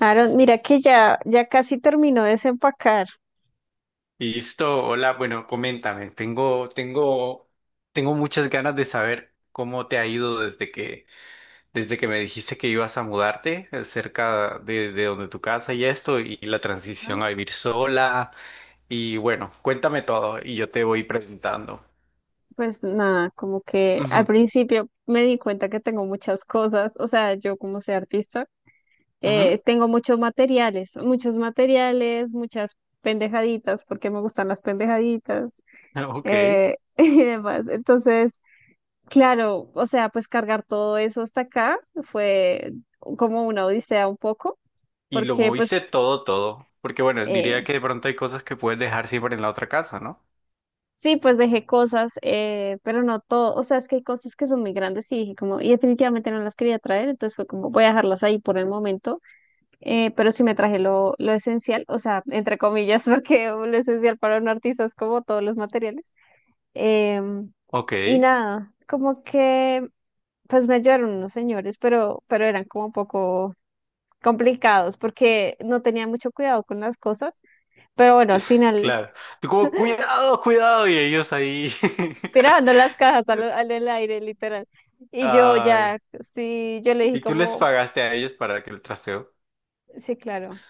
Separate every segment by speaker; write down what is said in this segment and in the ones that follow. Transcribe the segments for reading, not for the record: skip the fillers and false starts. Speaker 1: Aaron, mira que ya, ya casi terminó de desempacar.
Speaker 2: Listo, hola, bueno, coméntame, tengo muchas ganas de saber cómo te ha ido desde que me dijiste que ibas a mudarte cerca de donde tu casa y esto, y la
Speaker 1: Ajá.
Speaker 2: transición a vivir sola, y bueno, cuéntame todo y yo te voy presentando.
Speaker 1: Pues nada, como que al
Speaker 2: Ujú,
Speaker 1: principio me di cuenta que tengo muchas cosas, o sea, yo como soy artista,
Speaker 2: ujú,
Speaker 1: tengo muchos materiales, muchas pendejaditas, porque me gustan las pendejaditas
Speaker 2: Ok,
Speaker 1: y demás. Entonces, claro, o sea, pues cargar todo eso hasta acá fue como una odisea un poco,
Speaker 2: y lo
Speaker 1: porque pues...
Speaker 2: moviste todo, todo, porque bueno,
Speaker 1: eh,
Speaker 2: diría que de pronto hay cosas que puedes dejar siempre en la otra casa, ¿no?
Speaker 1: sí, pues dejé cosas, pero no todo. O sea, es que hay cosas que son muy grandes y dije como, y definitivamente no las quería traer, entonces fue como, voy a dejarlas ahí por el momento. Pero sí me traje lo esencial, o sea, entre comillas, porque lo esencial para un artista es como todos los materiales. Em,
Speaker 2: Ok,
Speaker 1: y nada, como que, pues me ayudaron unos señores, pero eran como un poco complicados porque no tenía mucho cuidado con las cosas. Pero bueno, al final
Speaker 2: claro. Tú como, cuidado, cuidado, y ellos ahí.
Speaker 1: tirando las cajas al, al el aire, literal. Y yo
Speaker 2: Ay,
Speaker 1: ya, sí, yo le dije
Speaker 2: ¿y tú les
Speaker 1: como,
Speaker 2: pagaste a ellos para que el trasteo?
Speaker 1: sí, claro,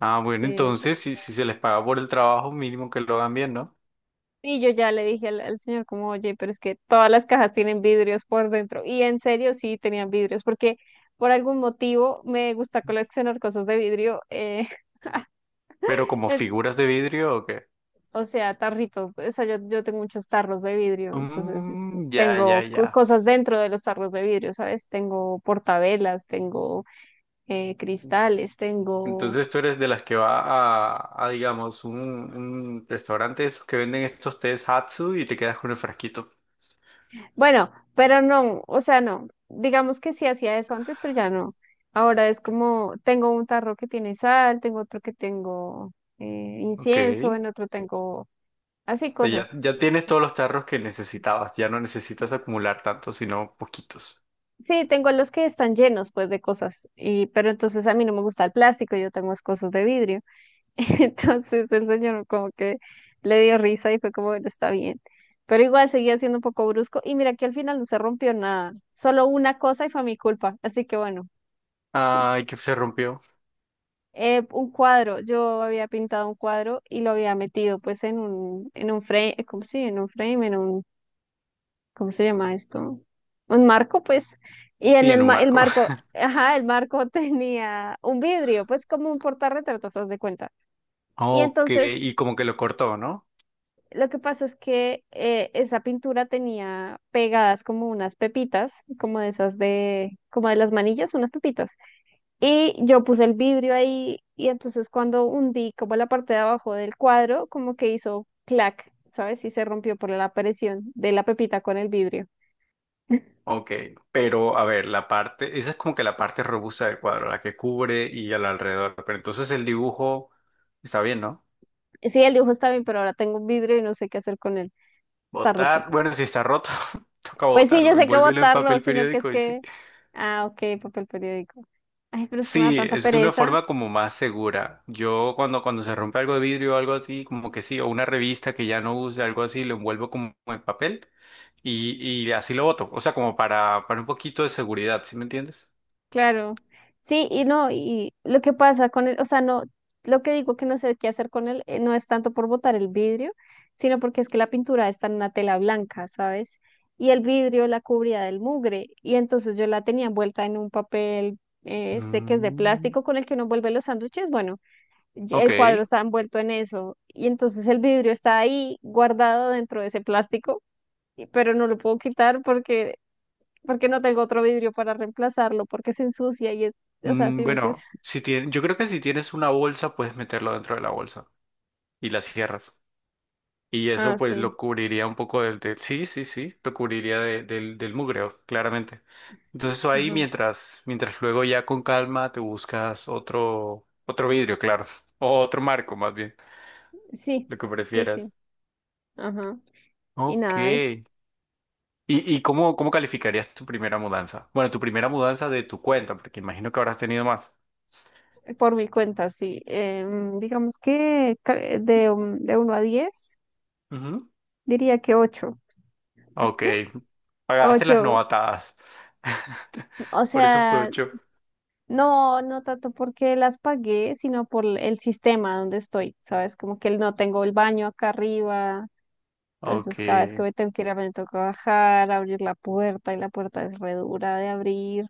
Speaker 2: Ah, bueno,
Speaker 1: sí.
Speaker 2: entonces si se les paga por el trabajo, mínimo que lo hagan bien, ¿no?
Speaker 1: Y yo ya le dije al señor como, oye, pero es que todas las cajas tienen vidrios por dentro. Y en serio, sí, tenían vidrios, porque por algún motivo me gusta coleccionar cosas de vidrio,
Speaker 2: ¿Pero como
Speaker 1: eh,
Speaker 2: figuras de vidrio o qué?
Speaker 1: o sea, tarritos, o sea, yo tengo muchos tarros de vidrio, entonces
Speaker 2: Mm, ya, ya,
Speaker 1: tengo
Speaker 2: ya.
Speaker 1: cosas dentro de los tarros de vidrio, ¿sabes? Tengo portavelas, tengo cristales, tengo
Speaker 2: Entonces tú eres de las que va a, digamos, un restaurante de esos que venden estos tés Hatsu y te quedas con el frasquito.
Speaker 1: bueno, pero no, o sea, no. Digamos que sí hacía eso antes, pero ya no. Ahora es como, tengo un tarro que tiene sal, tengo otro que tengo eh, incienso,
Speaker 2: Ok.
Speaker 1: en otro tengo así
Speaker 2: O sea,
Speaker 1: cosas.
Speaker 2: ya, ya tienes todos los tarros que necesitabas. Ya no necesitas acumular tantos, sino poquitos.
Speaker 1: Sí, tengo los que están llenos pues de cosas, y, pero entonces a mí no me gusta el plástico, yo tengo es cosas de vidrio. Entonces el señor como que le dio risa y fue como, bueno, está bien. Pero igual seguía siendo un poco brusco y mira que al final no se rompió nada, solo una cosa y fue mi culpa. Así que bueno.
Speaker 2: Ay, que se rompió.
Speaker 1: Un cuadro, yo había pintado un cuadro y lo había metido pues en un frame, ¿cómo sí? En un frame, en un, ¿cómo se llama esto? Un marco, pues, y en
Speaker 2: Sí,
Speaker 1: el,
Speaker 2: en un
Speaker 1: ma- el
Speaker 2: marco.
Speaker 1: marco, ajá, el marco tenía un vidrio, pues como un portarretratos, haz de cuenta. Y
Speaker 2: Ok,
Speaker 1: entonces,
Speaker 2: y como que lo cortó, ¿no?
Speaker 1: lo que pasa es que esa pintura tenía pegadas como unas pepitas, como de esas de, como de las manillas, unas pepitas. Y yo puse el vidrio ahí y entonces cuando hundí como la parte de abajo del cuadro, como que hizo clac, ¿sabes? Y se rompió por la presión de la pepita con el vidrio.
Speaker 2: Ok, pero a ver, la parte, esa es como que la parte robusta del cuadro, la que cubre y al alrededor, pero entonces el dibujo está bien, ¿no?
Speaker 1: Sí, el dibujo está bien, pero ahora tengo un vidrio y no sé qué hacer con él. Está roto.
Speaker 2: Botar, bueno, si está roto, toca
Speaker 1: Pues sí, yo
Speaker 2: botarlo,
Speaker 1: sé que
Speaker 2: envuélvelo en
Speaker 1: botarlo,
Speaker 2: papel
Speaker 1: sino que es
Speaker 2: periódico y sí.
Speaker 1: que... Ah, ok, papel periódico. Ay, pero es que me da
Speaker 2: Sí,
Speaker 1: tanta
Speaker 2: es una
Speaker 1: pereza.
Speaker 2: forma como más segura. Yo cuando se rompe algo de vidrio o algo así, como que sí, o una revista que ya no use, algo así, lo envuelvo como en papel y así lo boto, o sea, para un poquito de seguridad, ¿sí me entiendes?
Speaker 1: Claro, sí, y no, y lo que pasa con él, o sea, no, lo que digo que no sé qué hacer con él no es tanto por botar el vidrio, sino porque es que la pintura está en una tela blanca, ¿sabes? Y el vidrio la cubría del mugre, y entonces yo la tenía envuelta en un papel, este que es de
Speaker 2: Mm.
Speaker 1: plástico con el que uno envuelve los sándwiches, bueno, y
Speaker 2: Ok.
Speaker 1: el cuadro está envuelto en eso, y entonces el vidrio está ahí guardado dentro de ese plástico, pero no lo puedo quitar porque porque no tengo otro vidrio para reemplazarlo, porque se ensucia y es, o sea,
Speaker 2: Mm,
Speaker 1: ¿sí me entiendes?
Speaker 2: bueno, si tien- yo creo que si tienes una bolsa, puedes meterlo dentro de la bolsa y la cierras. Y eso
Speaker 1: Ah,
Speaker 2: pues
Speaker 1: sí.
Speaker 2: lo cubriría un poco del... del- sí, sí, sí, lo cubriría de- del, del mugreo, claramente. Entonces eso ahí
Speaker 1: Ajá.
Speaker 2: mientras luego ya con calma te buscas otro, otro vidrio, claro. O otro marco más bien,
Speaker 1: Sí,
Speaker 2: lo que
Speaker 1: pues
Speaker 2: prefieras.
Speaker 1: sí. Ajá. Y
Speaker 2: Ok.
Speaker 1: nada,
Speaker 2: ¿Y cómo, cómo calificarías tu primera mudanza? Bueno, tu primera mudanza de tu cuenta, porque imagino que habrás tenido más.
Speaker 1: por mi cuenta, sí. Digamos que de 1 a 10 diría que ocho,
Speaker 2: Ok, pagaste las
Speaker 1: ocho.
Speaker 2: novatadas.
Speaker 1: O
Speaker 2: Por eso fue
Speaker 1: sea,
Speaker 2: ocho.
Speaker 1: no, no tanto porque las pagué, sino por el sistema donde estoy, ¿sabes? Como que no tengo el baño acá arriba.
Speaker 2: Ok,
Speaker 1: Entonces, cada vez que me tengo que ir, a me toca bajar, abrir la puerta y la puerta es re dura de abrir.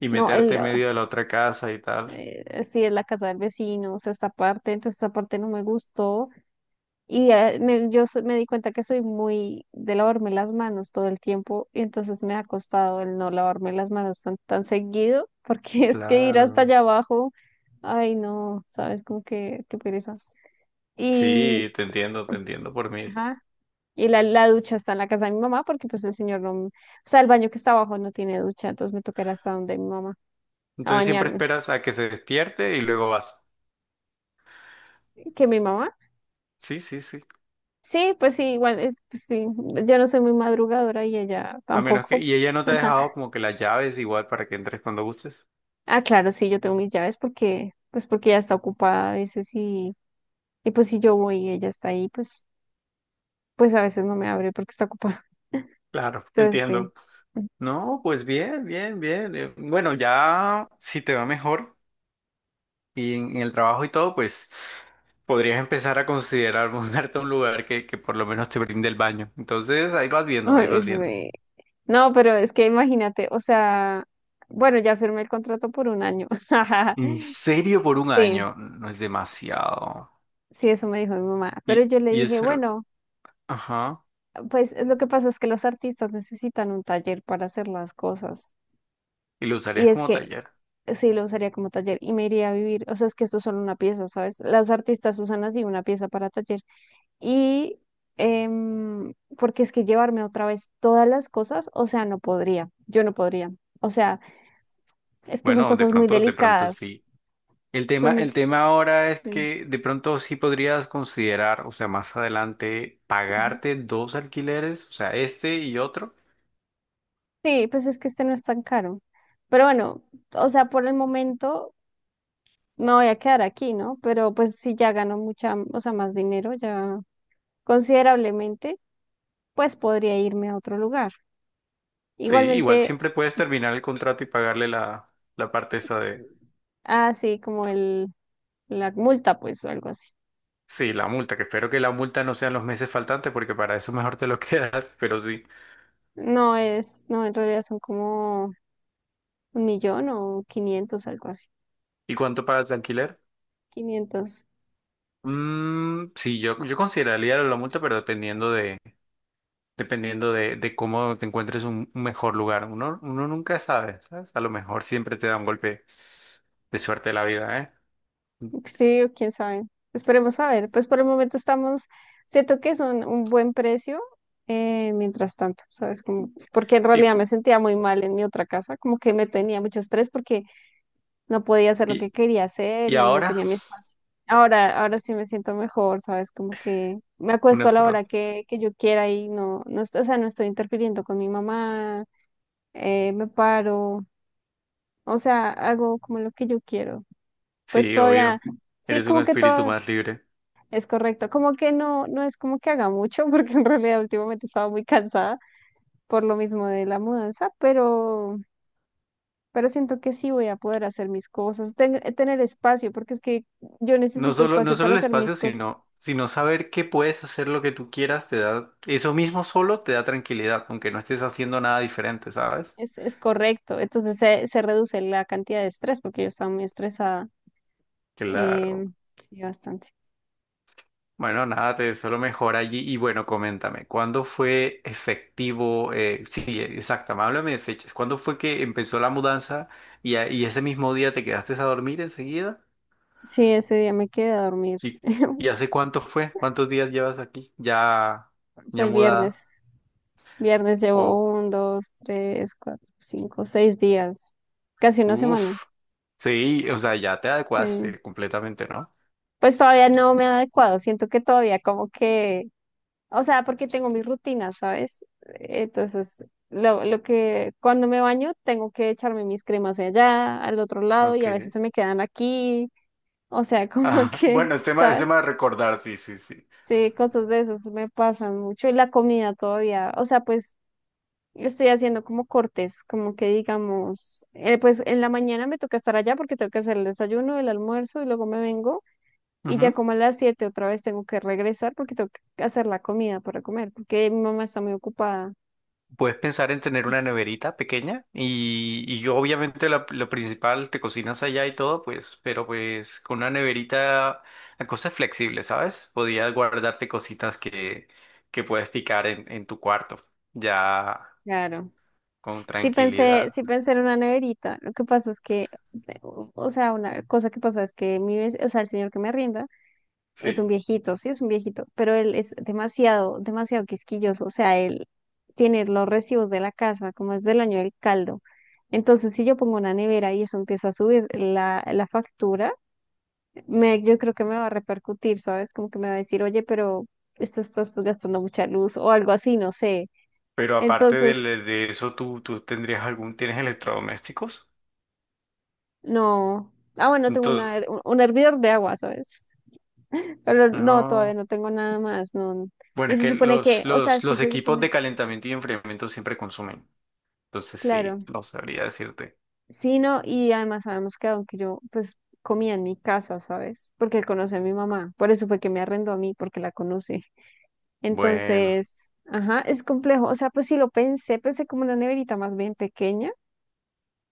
Speaker 2: y
Speaker 1: No,
Speaker 2: meterte
Speaker 1: el,
Speaker 2: en medio de la otra casa y tal.
Speaker 1: sí, es la casa del vecino, o sea, esta parte, entonces esta parte no me gustó. Y me di cuenta que soy muy de lavarme las manos todo el tiempo, y entonces me ha costado el no lavarme las manos tan, tan seguido, porque es que ir hasta
Speaker 2: Claro.
Speaker 1: allá abajo, ay, no, sabes, como que, qué pereza. Y,
Speaker 2: Sí, te entiendo por mil.
Speaker 1: ajá, y la ducha está en la casa de mi mamá, porque pues el señor no, o sea, el baño que está abajo no tiene ducha, entonces me tocará hasta donde mi mamá, a
Speaker 2: Entonces siempre
Speaker 1: bañarme,
Speaker 2: esperas a que se despierte y luego vas.
Speaker 1: que mi mamá.
Speaker 2: Sí, sí, sí.
Speaker 1: Sí, pues sí, igual, pues sí, yo no soy muy madrugadora y ella
Speaker 2: A menos que...
Speaker 1: tampoco.
Speaker 2: Y ella no te ha dejado como que las llaves igual para que entres cuando gustes.
Speaker 1: Ah, claro, sí, yo tengo mis llaves porque, pues porque ella está ocupada a veces y pues si yo voy y ella está ahí, pues a veces no me abre porque está ocupada.
Speaker 2: Claro,
Speaker 1: Entonces, sí.
Speaker 2: entiendo. No, pues bien, bien, bien. Bueno, ya si te va mejor. Y en el trabajo y todo, pues podrías empezar a considerar mudarte a un lugar que por lo menos te brinde el baño. Entonces ahí vas viendo,
Speaker 1: Ah,
Speaker 2: ahí vas viendo.
Speaker 1: no, pero es que imagínate, o sea, bueno, ya firmé el contrato por un año.
Speaker 2: En serio, por un
Speaker 1: Sí,
Speaker 2: año no es demasiado.
Speaker 1: sí, eso me dijo mi mamá. Pero
Speaker 2: Y,
Speaker 1: yo le
Speaker 2: y
Speaker 1: dije,
Speaker 2: eso, era-
Speaker 1: bueno,
Speaker 2: ajá,
Speaker 1: pues es lo que pasa es que los artistas necesitan un taller para hacer las cosas.
Speaker 2: y lo
Speaker 1: Y
Speaker 2: usarías
Speaker 1: es
Speaker 2: como
Speaker 1: que
Speaker 2: taller.
Speaker 1: sí lo usaría como taller y me iría a vivir. O sea, es que esto es solo una pieza, ¿sabes? Las artistas usan así una pieza para taller. Y em, porque es que llevarme otra vez todas las cosas, o sea, no podría, yo no podría. O sea, es que son
Speaker 2: Bueno,
Speaker 1: cosas muy
Speaker 2: de pronto
Speaker 1: delicadas.
Speaker 2: sí.
Speaker 1: Son muy...
Speaker 2: El tema ahora es
Speaker 1: Sí,
Speaker 2: que de pronto sí podrías considerar, o sea, más adelante,
Speaker 1: ajá.
Speaker 2: pagarte dos alquileres, o sea, este y otro.
Speaker 1: Sí, pues es que este no es tan caro. Pero bueno, o sea, por el momento me voy a quedar aquí, ¿no? Pero pues si ya gano mucha, o sea, más dinero, ya considerablemente, pues podría irme a otro lugar.
Speaker 2: Sí, igual
Speaker 1: Igualmente,
Speaker 2: siempre puedes terminar el contrato y pagarle la parte esa.
Speaker 1: es- ah, sí, como la multa, pues, o algo así.
Speaker 2: Sí, la multa, que espero que la multa no sean los meses faltantes porque para eso mejor te lo quedas, pero sí.
Speaker 1: No es, no, en realidad son como 1 millón o 500, algo así.
Speaker 2: ¿Y cuánto pagas de alquiler?
Speaker 1: 500,
Speaker 2: Mm, sí, yo consideraría la multa, pero dependiendo de cómo te encuentres un mejor lugar. Uno, uno nunca sabe, ¿sabes? A lo mejor siempre te da un golpe de suerte la vida, ¿eh?
Speaker 1: sí, o quién sabe. Esperemos a ver. Pues por el momento estamos, siento que es un buen precio, mientras tanto, ¿sabes? Como, porque en
Speaker 2: Y,
Speaker 1: realidad
Speaker 2: cu-
Speaker 1: me sentía muy mal en mi otra casa, como que me tenía mucho estrés porque no podía hacer lo
Speaker 2: y,
Speaker 1: que quería hacer
Speaker 2: y
Speaker 1: y no
Speaker 2: ahora,
Speaker 1: tenía mi espacio. Ahora sí me siento mejor, ¿sabes? Como que me acuesto a
Speaker 2: unas
Speaker 1: la
Speaker 2: por
Speaker 1: hora
Speaker 2: otras.
Speaker 1: que yo quiera y o sea, no estoy interfiriendo con mi mamá, me paro, o sea, hago como lo que yo quiero. Pues
Speaker 2: Sí,
Speaker 1: todavía,
Speaker 2: obvio.
Speaker 1: sí,
Speaker 2: Eres un
Speaker 1: como que
Speaker 2: espíritu
Speaker 1: todo
Speaker 2: más libre.
Speaker 1: es correcto, como que no, no es como que haga mucho, porque en realidad últimamente estaba muy cansada por lo mismo de la mudanza, pero siento que sí voy a poder hacer mis cosas, tener espacio, porque es que yo
Speaker 2: No
Speaker 1: necesito
Speaker 2: solo, no
Speaker 1: espacio
Speaker 2: solo
Speaker 1: para
Speaker 2: el
Speaker 1: hacer
Speaker 2: espacio,
Speaker 1: mis cosas,
Speaker 2: sino, sino saber que puedes hacer lo que tú quieras, te da, eso mismo solo te da tranquilidad, aunque no estés haciendo nada diferente, ¿sabes?
Speaker 1: es correcto, entonces se reduce la cantidad de estrés, porque yo estaba muy estresada, eh,
Speaker 2: Claro.
Speaker 1: sí, bastante.
Speaker 2: Bueno, nada, te deseo lo mejor allí. Y bueno, coméntame, ¿cuándo fue efectivo? Eh, sí, exacto, háblame de fechas. ¿Cuándo fue que empezó la mudanza y ese mismo día te quedaste a dormir enseguida?
Speaker 1: Sí, ese día me quedé a dormir,
Speaker 2: ¿Y, ¿y hace cuánto fue? ¿Cuántos días llevas aquí? ¿Ya,
Speaker 1: fue
Speaker 2: ya
Speaker 1: el
Speaker 2: mudada?
Speaker 1: viernes, viernes llevo
Speaker 2: ¿O
Speaker 1: un, dos, tres, cuatro, cinco, seis días, casi una semana,
Speaker 2: uf, sí, o sea, ya te
Speaker 1: sí.
Speaker 2: adecuaste completamente, ¿no?
Speaker 1: Pues todavía no me ha adecuado, siento que todavía como que. O sea, porque tengo mi rutina, ¿sabes? Entonces, lo que cuando me baño tengo que echarme mis cremas de allá, al otro lado, y
Speaker 2: Ok.
Speaker 1: a veces se me quedan aquí. O sea, como
Speaker 2: Ah,
Speaker 1: que,
Speaker 2: bueno, es
Speaker 1: ¿sabes?
Speaker 2: tema de recordar, sí, sí, sí.
Speaker 1: Sí, cosas de esas me pasan mucho. Y la comida todavía, o sea, pues estoy haciendo como cortes, como que digamos, pues en la mañana me toca estar allá porque tengo que hacer el desayuno, el almuerzo y luego me vengo. Y
Speaker 2: Ujú.
Speaker 1: ya como a las 7 otra vez tengo que regresar porque tengo que hacer la comida para comer, porque mi mamá está muy ocupada.
Speaker 2: Puedes pensar en tener una neverita pequeña y obviamente la- lo principal, te cocinas allá y todo, pues, pero pues con una neverita la cosa es flexible, ¿sabes? Podías guardarte cositas que puedes picar en tu cuarto, ya
Speaker 1: Claro.
Speaker 2: con tranquilidad.
Speaker 1: Sí pensé en una neverita. Lo que pasa es que, o sea, una cosa que pasa es que o sea, el señor que me arrienda es
Speaker 2: Sí.
Speaker 1: un viejito, sí, es un viejito, pero él es demasiado, demasiado quisquilloso. O sea, él tiene los recibos de la casa, como es del año del caldo. Entonces, si yo pongo una nevera y eso empieza a subir la factura, yo creo que me va a repercutir, ¿sabes? Como que me va a decir, oye, pero esto estás gastando mucha luz o algo así, no sé.
Speaker 2: Pero aparte de,
Speaker 1: Entonces.
Speaker 2: le- de eso, ¿tú, tú tendrías algún, tienes electrodomésticos?
Speaker 1: No. Ah, bueno, tengo
Speaker 2: Entonces,
Speaker 1: una, her- un hervidor de agua, ¿sabes? Pero no, todavía
Speaker 2: no.
Speaker 1: no tengo nada más, no.
Speaker 2: Bueno,
Speaker 1: Y
Speaker 2: es
Speaker 1: se
Speaker 2: que
Speaker 1: supone que, o sea, es que
Speaker 2: los
Speaker 1: se
Speaker 2: equipos
Speaker 1: supone,
Speaker 2: de calentamiento y enfriamiento siempre consumen. Entonces, sí,
Speaker 1: claro.
Speaker 2: no sabría decirte.
Speaker 1: Sí, no, y además sabemos que aunque yo, pues, comía en mi casa, ¿sabes? Porque él conoce a mi mamá, por eso fue que me arrendó a mí, porque la conoce.
Speaker 2: Bueno.
Speaker 1: Entonces, ajá, es complejo. O sea, pues sí lo pensé, pensé como una neverita más bien pequeña,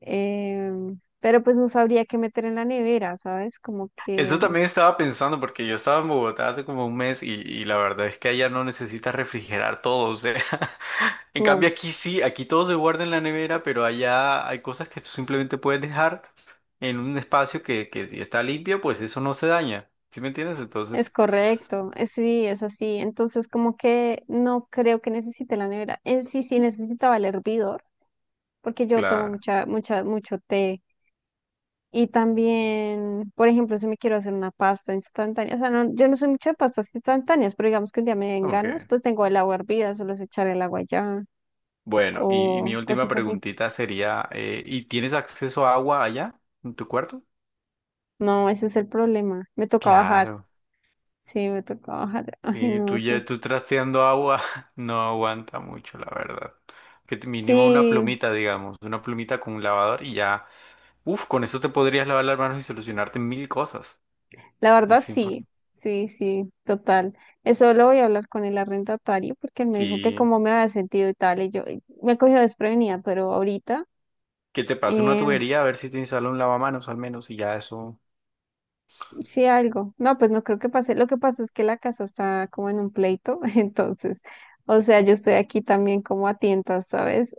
Speaker 1: pero pues no sabría qué meter en la nevera, ¿sabes? Como
Speaker 2: Eso
Speaker 1: que...
Speaker 2: también estaba pensando porque yo estaba en Bogotá hace como un mes y la verdad es que allá no necesitas refrigerar todo, o sea, en cambio
Speaker 1: No,
Speaker 2: aquí sí, aquí todo se guarda en la nevera, pero allá hay cosas que tú simplemente puedes dejar en un espacio que si está limpio, pues eso no se daña, ¿sí me entiendes?
Speaker 1: es
Speaker 2: Entonces,
Speaker 1: correcto, sí, es así. Entonces, como que no creo que necesite la nevera. Él sí, sí necesitaba el hervidor, porque yo tomo
Speaker 2: claro,
Speaker 1: mucha, mucha, mucho té. Y también, por ejemplo, si me quiero hacer una pasta instantánea, o sea, no, yo no soy mucho de pastas instantáneas, pero digamos que un día me den ganas,
Speaker 2: ok.
Speaker 1: pues tengo el agua hervida, solo es echar el agua ya
Speaker 2: Bueno, y mi
Speaker 1: o
Speaker 2: última
Speaker 1: cosas así.
Speaker 2: preguntita sería, ¿y tienes acceso a agua allá en tu cuarto?
Speaker 1: No, ese es el problema. Me toca bajar.
Speaker 2: Claro.
Speaker 1: Sí, me toca bajar. Ay,
Speaker 2: Y
Speaker 1: no,
Speaker 2: tú
Speaker 1: eso.
Speaker 2: ya tú trasteando agua no aguanta mucho, la verdad. Que te- mínimo una
Speaker 1: Sí,
Speaker 2: plumita, digamos, una plumita con un lavador y ya, uf, con eso te podrías lavar las manos y solucionarte mil cosas.
Speaker 1: la verdad,
Speaker 2: Es importante.
Speaker 1: sí, sí, sí, total. Eso lo voy a hablar con el arrendatario porque él me dijo que
Speaker 2: Sí,
Speaker 1: cómo me había sentido y tal, y me cogió desprevenida, pero ahorita
Speaker 2: que te pase una
Speaker 1: eh,
Speaker 2: tubería a ver si te instala un lavamanos al menos y ya eso.
Speaker 1: sí algo. No, pues no creo que pase. Lo que pasa es que la casa está como en un pleito, entonces, o sea, yo estoy aquí también como a tientas, ¿sabes?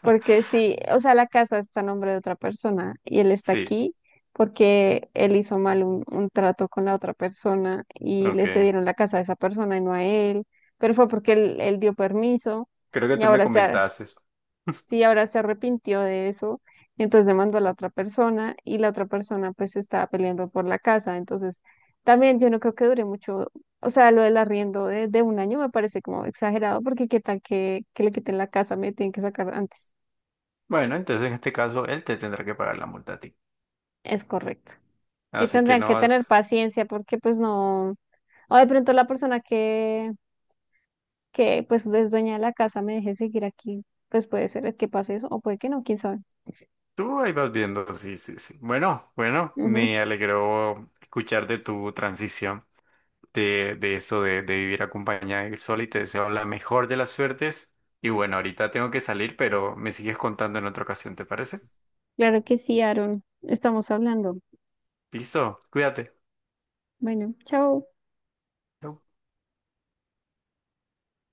Speaker 1: Porque sí, o sea, la casa está a nombre de otra persona y él está
Speaker 2: Sí,
Speaker 1: aquí porque él hizo mal un trato con la otra persona y le
Speaker 2: ok.
Speaker 1: cedieron la casa a esa persona y no a él, pero fue porque él dio permiso
Speaker 2: Creo que
Speaker 1: y
Speaker 2: tú me
Speaker 1: ahora
Speaker 2: comentaste eso.
Speaker 1: sí, ahora se arrepintió de eso, y entonces demandó a la otra persona y la otra persona pues estaba peleando por la casa, entonces también yo no creo que dure mucho, o sea, lo del arriendo de un año me parece como exagerado porque qué tal que le quiten la casa, me tienen que sacar antes.
Speaker 2: Bueno, entonces en este caso él te tendrá que pagar la multa a ti.
Speaker 1: Es correcto. Y
Speaker 2: Así que
Speaker 1: tendrán
Speaker 2: no
Speaker 1: que tener
Speaker 2: vas.
Speaker 1: paciencia porque pues no, o de pronto la persona que pues es dueña de la casa me deje seguir aquí, pues puede ser que pase eso o puede que no, quién sabe.
Speaker 2: Tú ahí vas viendo, sí, sí, sí. Bueno, bueno,
Speaker 1: Ujú.
Speaker 2: me alegró escuchar de tu transición, de esto de vivir acompañada de ir sola y te deseo la mejor de las suertes. Y bueno, ahorita tengo que salir, pero me sigues contando en otra ocasión, ¿te parece?
Speaker 1: Claro que sí, Aaron. Estamos hablando.
Speaker 2: Listo, cuídate.
Speaker 1: Bueno, chao.
Speaker 2: Chau.